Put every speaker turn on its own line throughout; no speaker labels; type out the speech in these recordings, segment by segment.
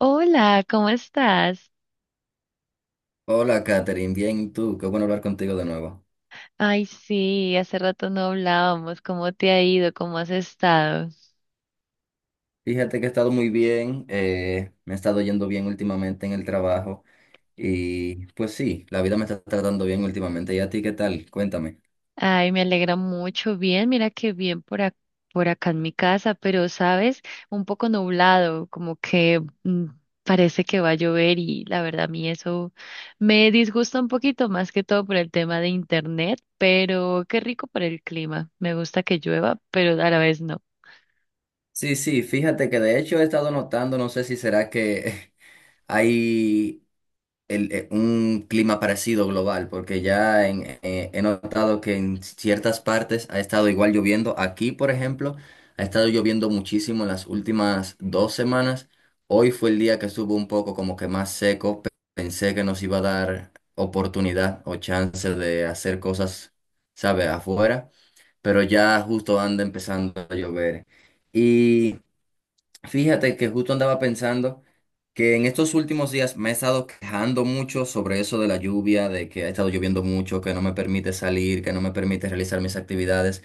Hola, ¿cómo estás?
Hola, Katherine, bien, ¿y tú? Qué bueno hablar contigo de nuevo.
Ay, sí, hace rato no hablábamos. ¿Cómo te ha ido? ¿Cómo has estado?
Fíjate que he estado muy bien, me he estado yendo bien últimamente en el trabajo y pues sí, la vida me está tratando bien últimamente. ¿Y a ti qué tal? Cuéntame.
Ay, me alegra mucho. Bien, mira que bien por acá en mi casa, pero sabes, un poco nublado, parece que va a llover y la verdad a mí eso me disgusta un poquito más que todo por el tema de internet, pero qué rico por el clima. Me gusta que llueva, pero a la vez no.
Sí, sí, fíjate que de hecho he estado notando, no sé si será que hay un clima parecido global, porque ya he notado que en ciertas partes ha estado igual lloviendo. Aquí, por ejemplo, ha estado lloviendo muchísimo en las últimas dos semanas. Hoy fue el día que estuvo un poco como que más seco. Pensé que nos iba a dar oportunidad o chance de hacer cosas, sabe afuera, pero ya justo anda empezando a llover. Fíjate que justo andaba pensando que en estos últimos días me he estado quejando mucho sobre eso de la lluvia, de que ha estado lloviendo mucho, que no me permite salir, que no me permite realizar mis actividades,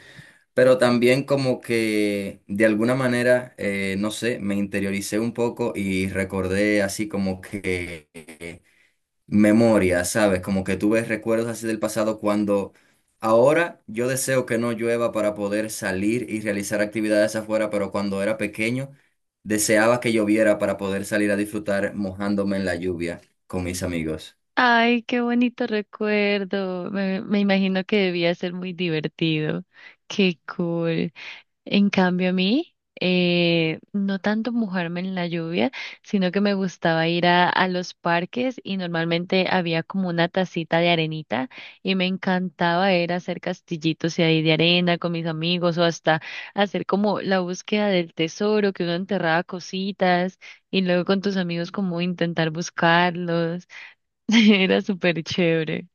pero también como que de alguna manera, no sé, me interioricé un poco y recordé así como que memoria, ¿sabes? Como que tú ves recuerdos así del pasado cuando ahora yo deseo que no llueva para poder salir y realizar actividades afuera, pero cuando era pequeño deseaba que lloviera para poder salir a disfrutar mojándome en la lluvia con mis amigos.
Ay, qué bonito recuerdo. Me imagino que debía ser muy divertido. Qué cool. En cambio, a mí, no tanto mojarme en la lluvia, sino que me gustaba ir a los parques y normalmente había como una tacita de arenita y me encantaba era hacer castillitos y ahí de arena con mis amigos o hasta hacer como la búsqueda del tesoro, que uno enterraba cositas y luego con tus amigos como intentar buscarlos. Era súper chévere.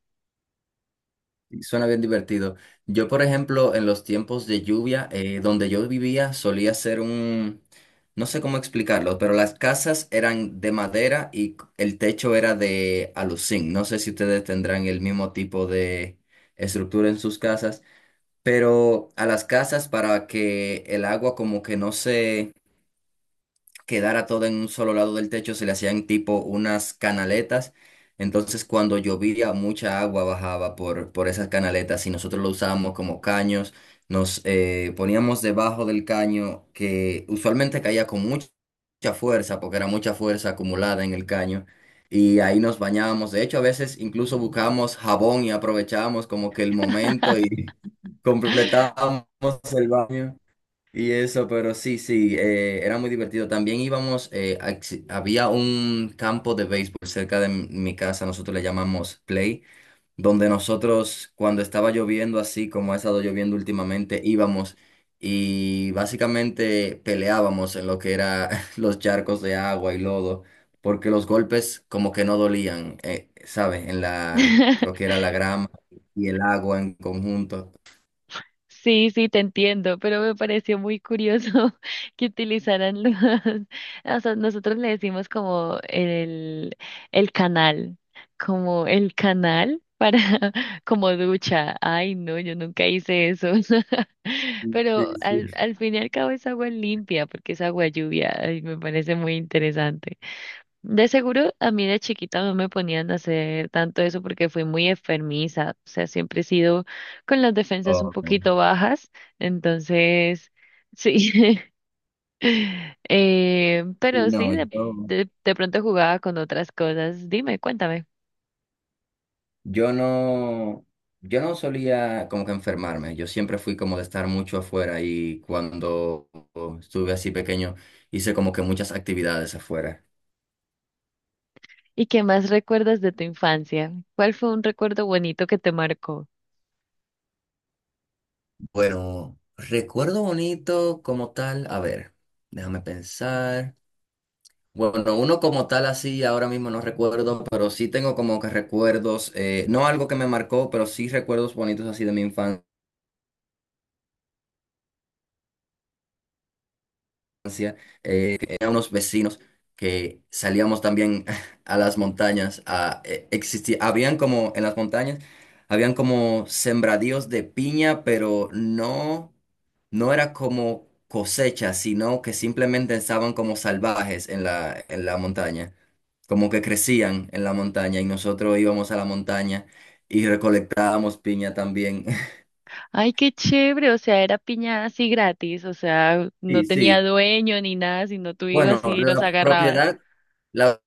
Sí, suena bien divertido. Yo, por ejemplo, en los tiempos de lluvia, donde yo vivía, solía ser no sé cómo explicarlo, pero las casas eran de madera y el techo era de aluzinc. No sé si ustedes tendrán el mismo tipo de estructura en sus casas, pero a las casas para que el agua como que no se quedara todo en un solo lado del techo, se le hacían tipo unas canaletas. Entonces cuando llovía, mucha agua bajaba por esas canaletas y nosotros lo usábamos como caños. Nos poníamos debajo del caño que usualmente caía con mucha fuerza, porque era mucha fuerza acumulada en el caño. Y ahí nos bañábamos. De hecho, a veces incluso buscábamos jabón y aprovechábamos como que el momento y completábamos el baño. Y eso, pero sí, sí, era muy divertido. También íbamos, había un campo de béisbol cerca de mi casa, nosotros le llamamos Play, donde nosotros cuando estaba lloviendo así como ha estado lloviendo últimamente, íbamos y básicamente peleábamos en lo que era los charcos de agua y lodo, porque los golpes como que no dolían, ¿sabes? Lo que era la grama y el agua en conjunto.
Sí, sí, te entiendo, pero me pareció muy curioso que utilizaran los, o sea, nosotros le decimos como el canal, como el canal para, como ducha. Ay, no, yo nunca hice eso.
Sí,
Pero
sí.
al fin y al cabo es agua limpia, porque es agua lluvia, y me parece muy interesante. De seguro, a mí de chiquita no me ponían a hacer tanto eso porque fui muy enfermiza, o sea, siempre he sido con las defensas un
Oh, no.
poquito bajas, entonces, sí, eh, pero sí,
No,
de,
yo...
de pronto jugaba con otras cosas. Dime, cuéntame.
Yo no, yo no solía como que enfermarme, yo siempre fui como de estar mucho afuera y cuando estuve así pequeño hice como que muchas actividades afuera.
¿Y qué más recuerdas de tu infancia? ¿Cuál fue un recuerdo bonito que te marcó?
Bueno, recuerdo bonito como tal, a ver, déjame pensar. Bueno, uno como tal así ahora mismo no recuerdo, pero sí tengo como que recuerdos, no algo que me marcó, pero sí recuerdos bonitos así de mi infancia. Tenía unos vecinos que salíamos también a las montañas. Existía, habían como en las montañas, habían como sembradíos de piña, pero no, no era como cosecha, sino que simplemente estaban como salvajes en la montaña, como que crecían en la montaña y nosotros íbamos a la montaña y recolectábamos piña también.
Ay, qué chévere, o sea, era piña así gratis, o sea, no
Sí,
tenía
sí.
dueño ni nada, sino tú
Bueno,
ibas y los
la
agarrabas.
propiedad. La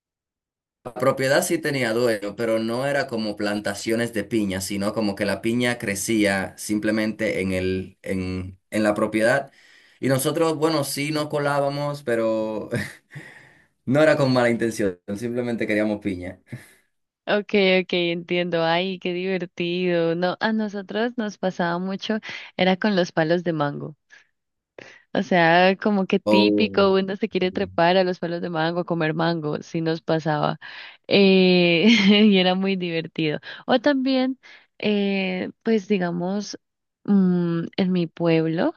propiedad sí tenía dueño, pero no era como plantaciones de piña, sino como que la piña crecía simplemente en en la propiedad. Y nosotros, bueno, sí nos colábamos, pero no era con mala intención, simplemente queríamos piña.
Okay, okay, entiendo. Ay, qué divertido. No, a nosotros nos pasaba mucho, era con los palos de mango. O sea, como que
Oh,
típico, uno se quiere
sí.
trepar a los palos de mango, a comer mango, sí nos pasaba. Eh, y era muy divertido. O también, pues digamos, en mi pueblo.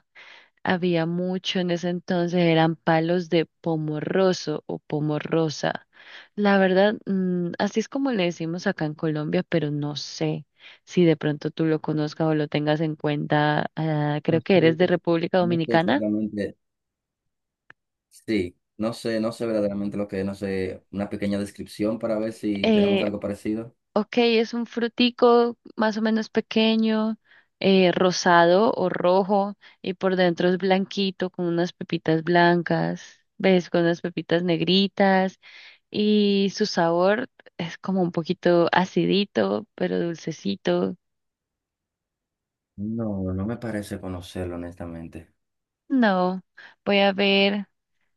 Había mucho en ese entonces, eran palos de pomorroso o pomorrosa. La verdad, así es como le decimos acá en Colombia, pero no sé si de pronto tú lo conozcas o lo tengas en cuenta. Ah,
No
creo que eres
sé,
de República
no sé
Dominicana.
exactamente, sí, no sé, no sé verdaderamente lo que es, no sé, una pequeña descripción para ver si tenemos
Eh,
algo parecido.
ok, es un frutico más o menos pequeño, rosado o rojo, y por dentro es blanquito con unas pepitas blancas, ¿ves? Con unas pepitas negritas. Y su sabor es como un poquito acidito, pero dulcecito.
No, no me parece conocerlo, honestamente.
No, voy a ver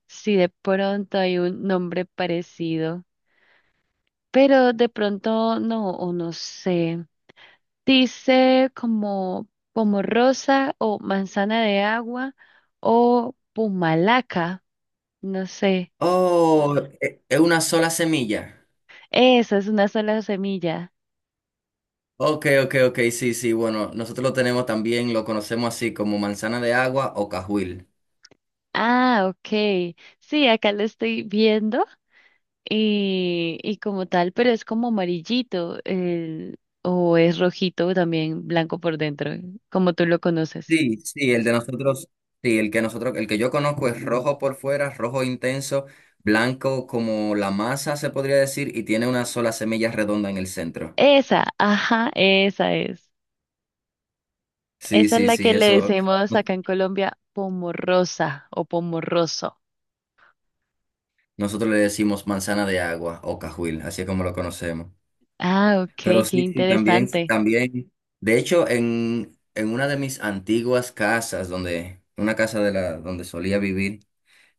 si de pronto hay un nombre parecido, pero de pronto no, o no sé. Dice como rosa o manzana de agua o pumalaca, no sé.
Oh, es una sola semilla.
Esa es una sola semilla.
Ok, ok, ok, sí, sí, bueno, nosotros lo tenemos también, lo conocemos así como manzana de agua o cajuil.
Ah, ok. Sí, acá lo estoy viendo. Y como tal, pero es como amarillito, o es rojito también, blanco por dentro, como tú lo conoces.
Sí, sí, el de nosotros, sí, el que nosotros, el que yo conozco es rojo por fuera, rojo intenso, blanco como la masa se podría decir, y tiene una sola semilla redonda en el centro.
Esa, ajá, esa es.
Sí,
Esa es
sí,
la
sí,
que le
eso
decimos
no-
acá en Colombia pomorrosa o pomorroso.
nosotros le decimos manzana de agua o cajuil, así es como lo conocemos.
Ah, ok,
Pero
qué
sí, sí, también,
interesante.
también. De hecho, en una de mis antiguas casas, una casa donde solía vivir,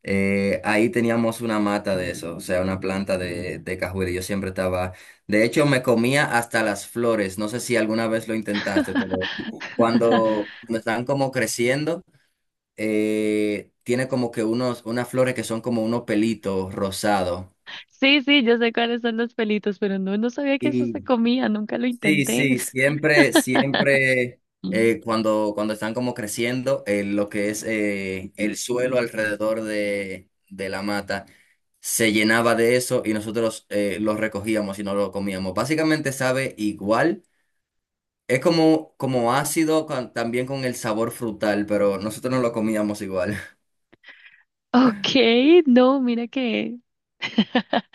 ahí teníamos una mata de eso, o sea, una planta de cajuela. Y yo siempre estaba, de hecho, me comía hasta las flores. No sé si alguna vez lo intentaste, pero cuando están como creciendo, tiene como que unas flores que son como unos pelitos rosados.
Sí, sí, yo sé cuáles son los pelitos, pero no, no sabía que eso se comía, nunca lo
Sí,
intenté.
sí, siempre, siempre
Mm.
eh, cuando, cuando están como creciendo, lo que es el suelo alrededor de la mata se llenaba de eso y nosotros lo recogíamos y no lo comíamos. Básicamente sabe igual, es como, como ácido también con el sabor frutal, pero nosotros no lo comíamos igual.
Ok, no, mira que...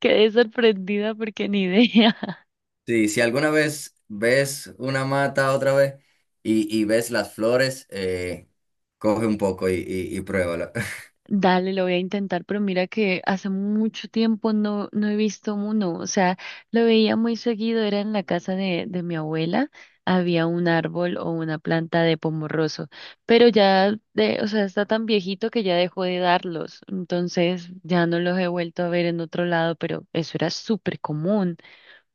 Quedé sorprendida porque ni idea.
Sí, si alguna vez ves una mata otra vez y ves las flores, coge un poco y pruébalo.
Dale, lo voy a intentar, pero mira que hace mucho tiempo no, no he visto uno. O sea, lo veía muy seguido, era en la casa de mi abuela, había un árbol o una planta de pomorroso, pero ya, o sea, está tan viejito que ya dejó de darlos. Entonces ya no los he vuelto a ver en otro lado, pero eso era súper común,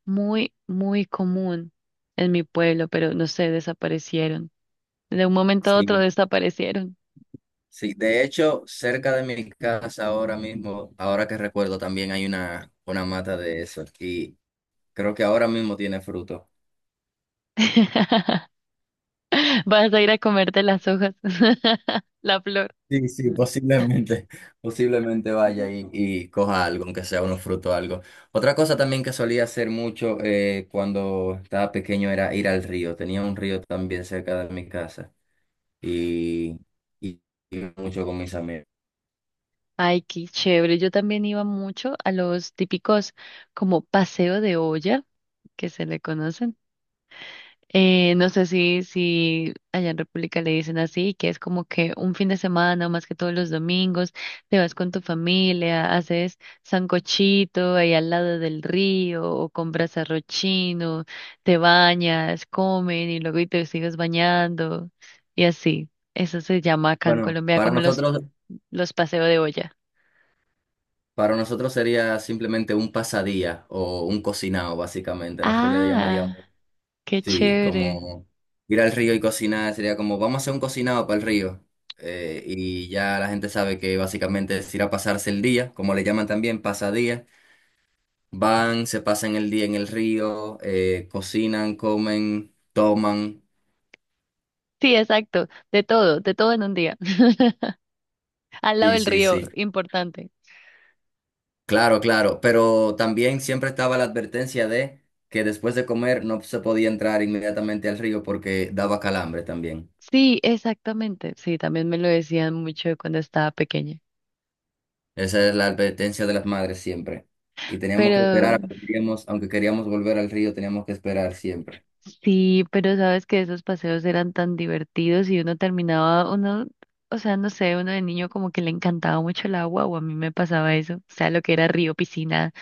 muy, muy común en mi pueblo, pero no sé, desaparecieron. De un momento a otro
Sí.
desaparecieron.
Sí, de hecho, cerca de mi casa ahora mismo, ahora que recuerdo, también hay una mata de eso y creo que ahora mismo tiene fruto.
Vas a ir a comerte las hojas, la flor.
Sí, sí, posiblemente, posiblemente vaya y coja algo, aunque sea unos frutos o algo. Otra cosa también que solía hacer mucho cuando estaba pequeño era ir al río. Tenía un río también cerca de mi casa y, y, y mucho con mis amigos.
Ay, qué chévere. Yo también iba mucho a los típicos como paseo de olla, que se le conocen. No sé si allá en República le dicen así, que es como que un fin de semana, más que todos los domingos, te vas con tu familia, haces sancochito ahí al lado del río, o compras arroz chino, te bañas, comen y luego y te sigues bañando, y así. Eso se llama acá en
Bueno,
Colombia
para
como
nosotros
los paseos de olla.
Para nosotros sería simplemente un pasadía o un cocinado, básicamente. Nosotros le
Ah,
llamaríamos,
qué
sí,
chévere.
como ir al río y cocinar. Sería como, vamos a hacer un cocinado para el río. Y ya la gente sabe que básicamente es ir a pasarse el día, como le llaman también, pasadía. Van, se pasan el día en el río, cocinan, comen, toman.
Sí, exacto, de todo en un día. Al lado
Sí,
del
sí,
río,
sí.
importante.
Claro, claro, pero también siempre estaba la advertencia de que después de comer no se podía entrar inmediatamente al río porque daba calambre también.
Sí, exactamente. Sí, también me lo decían mucho cuando estaba pequeña.
Esa es la advertencia de las madres siempre. Y teníamos que esperar,
Pero
aunque queríamos volver al río, teníamos que esperar siempre.
sí, pero sabes que esos paseos eran tan divertidos y uno terminaba, uno, o sea, no sé, uno de niño como que le encantaba mucho el agua, o a mí me pasaba eso. O sea, lo que era río, piscina,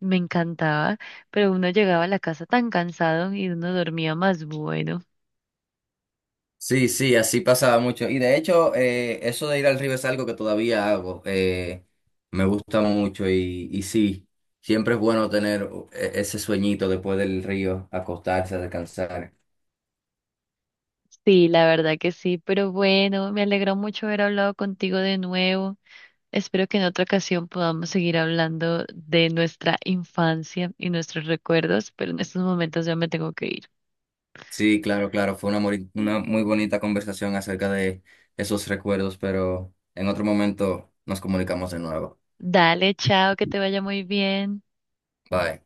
me encantaba. Pero uno llegaba a la casa tan cansado y uno dormía más bueno.
Sí, sí, así pasaba mucho. Y de hecho, eso de ir al río es algo que todavía hago. Me gusta mucho y sí, siempre es bueno tener ese sueñito después del río, acostarse, descansar.
Sí, la verdad que sí, pero bueno, me alegró mucho haber hablado contigo de nuevo. Espero que en otra ocasión podamos seguir hablando de nuestra infancia y nuestros recuerdos, pero en estos momentos ya me tengo que ir.
Sí, claro, claro, fue una muy bonita conversación acerca de esos recuerdos, pero en otro momento nos comunicamos de nuevo.
Dale, chao, que te vaya muy bien.
Bye.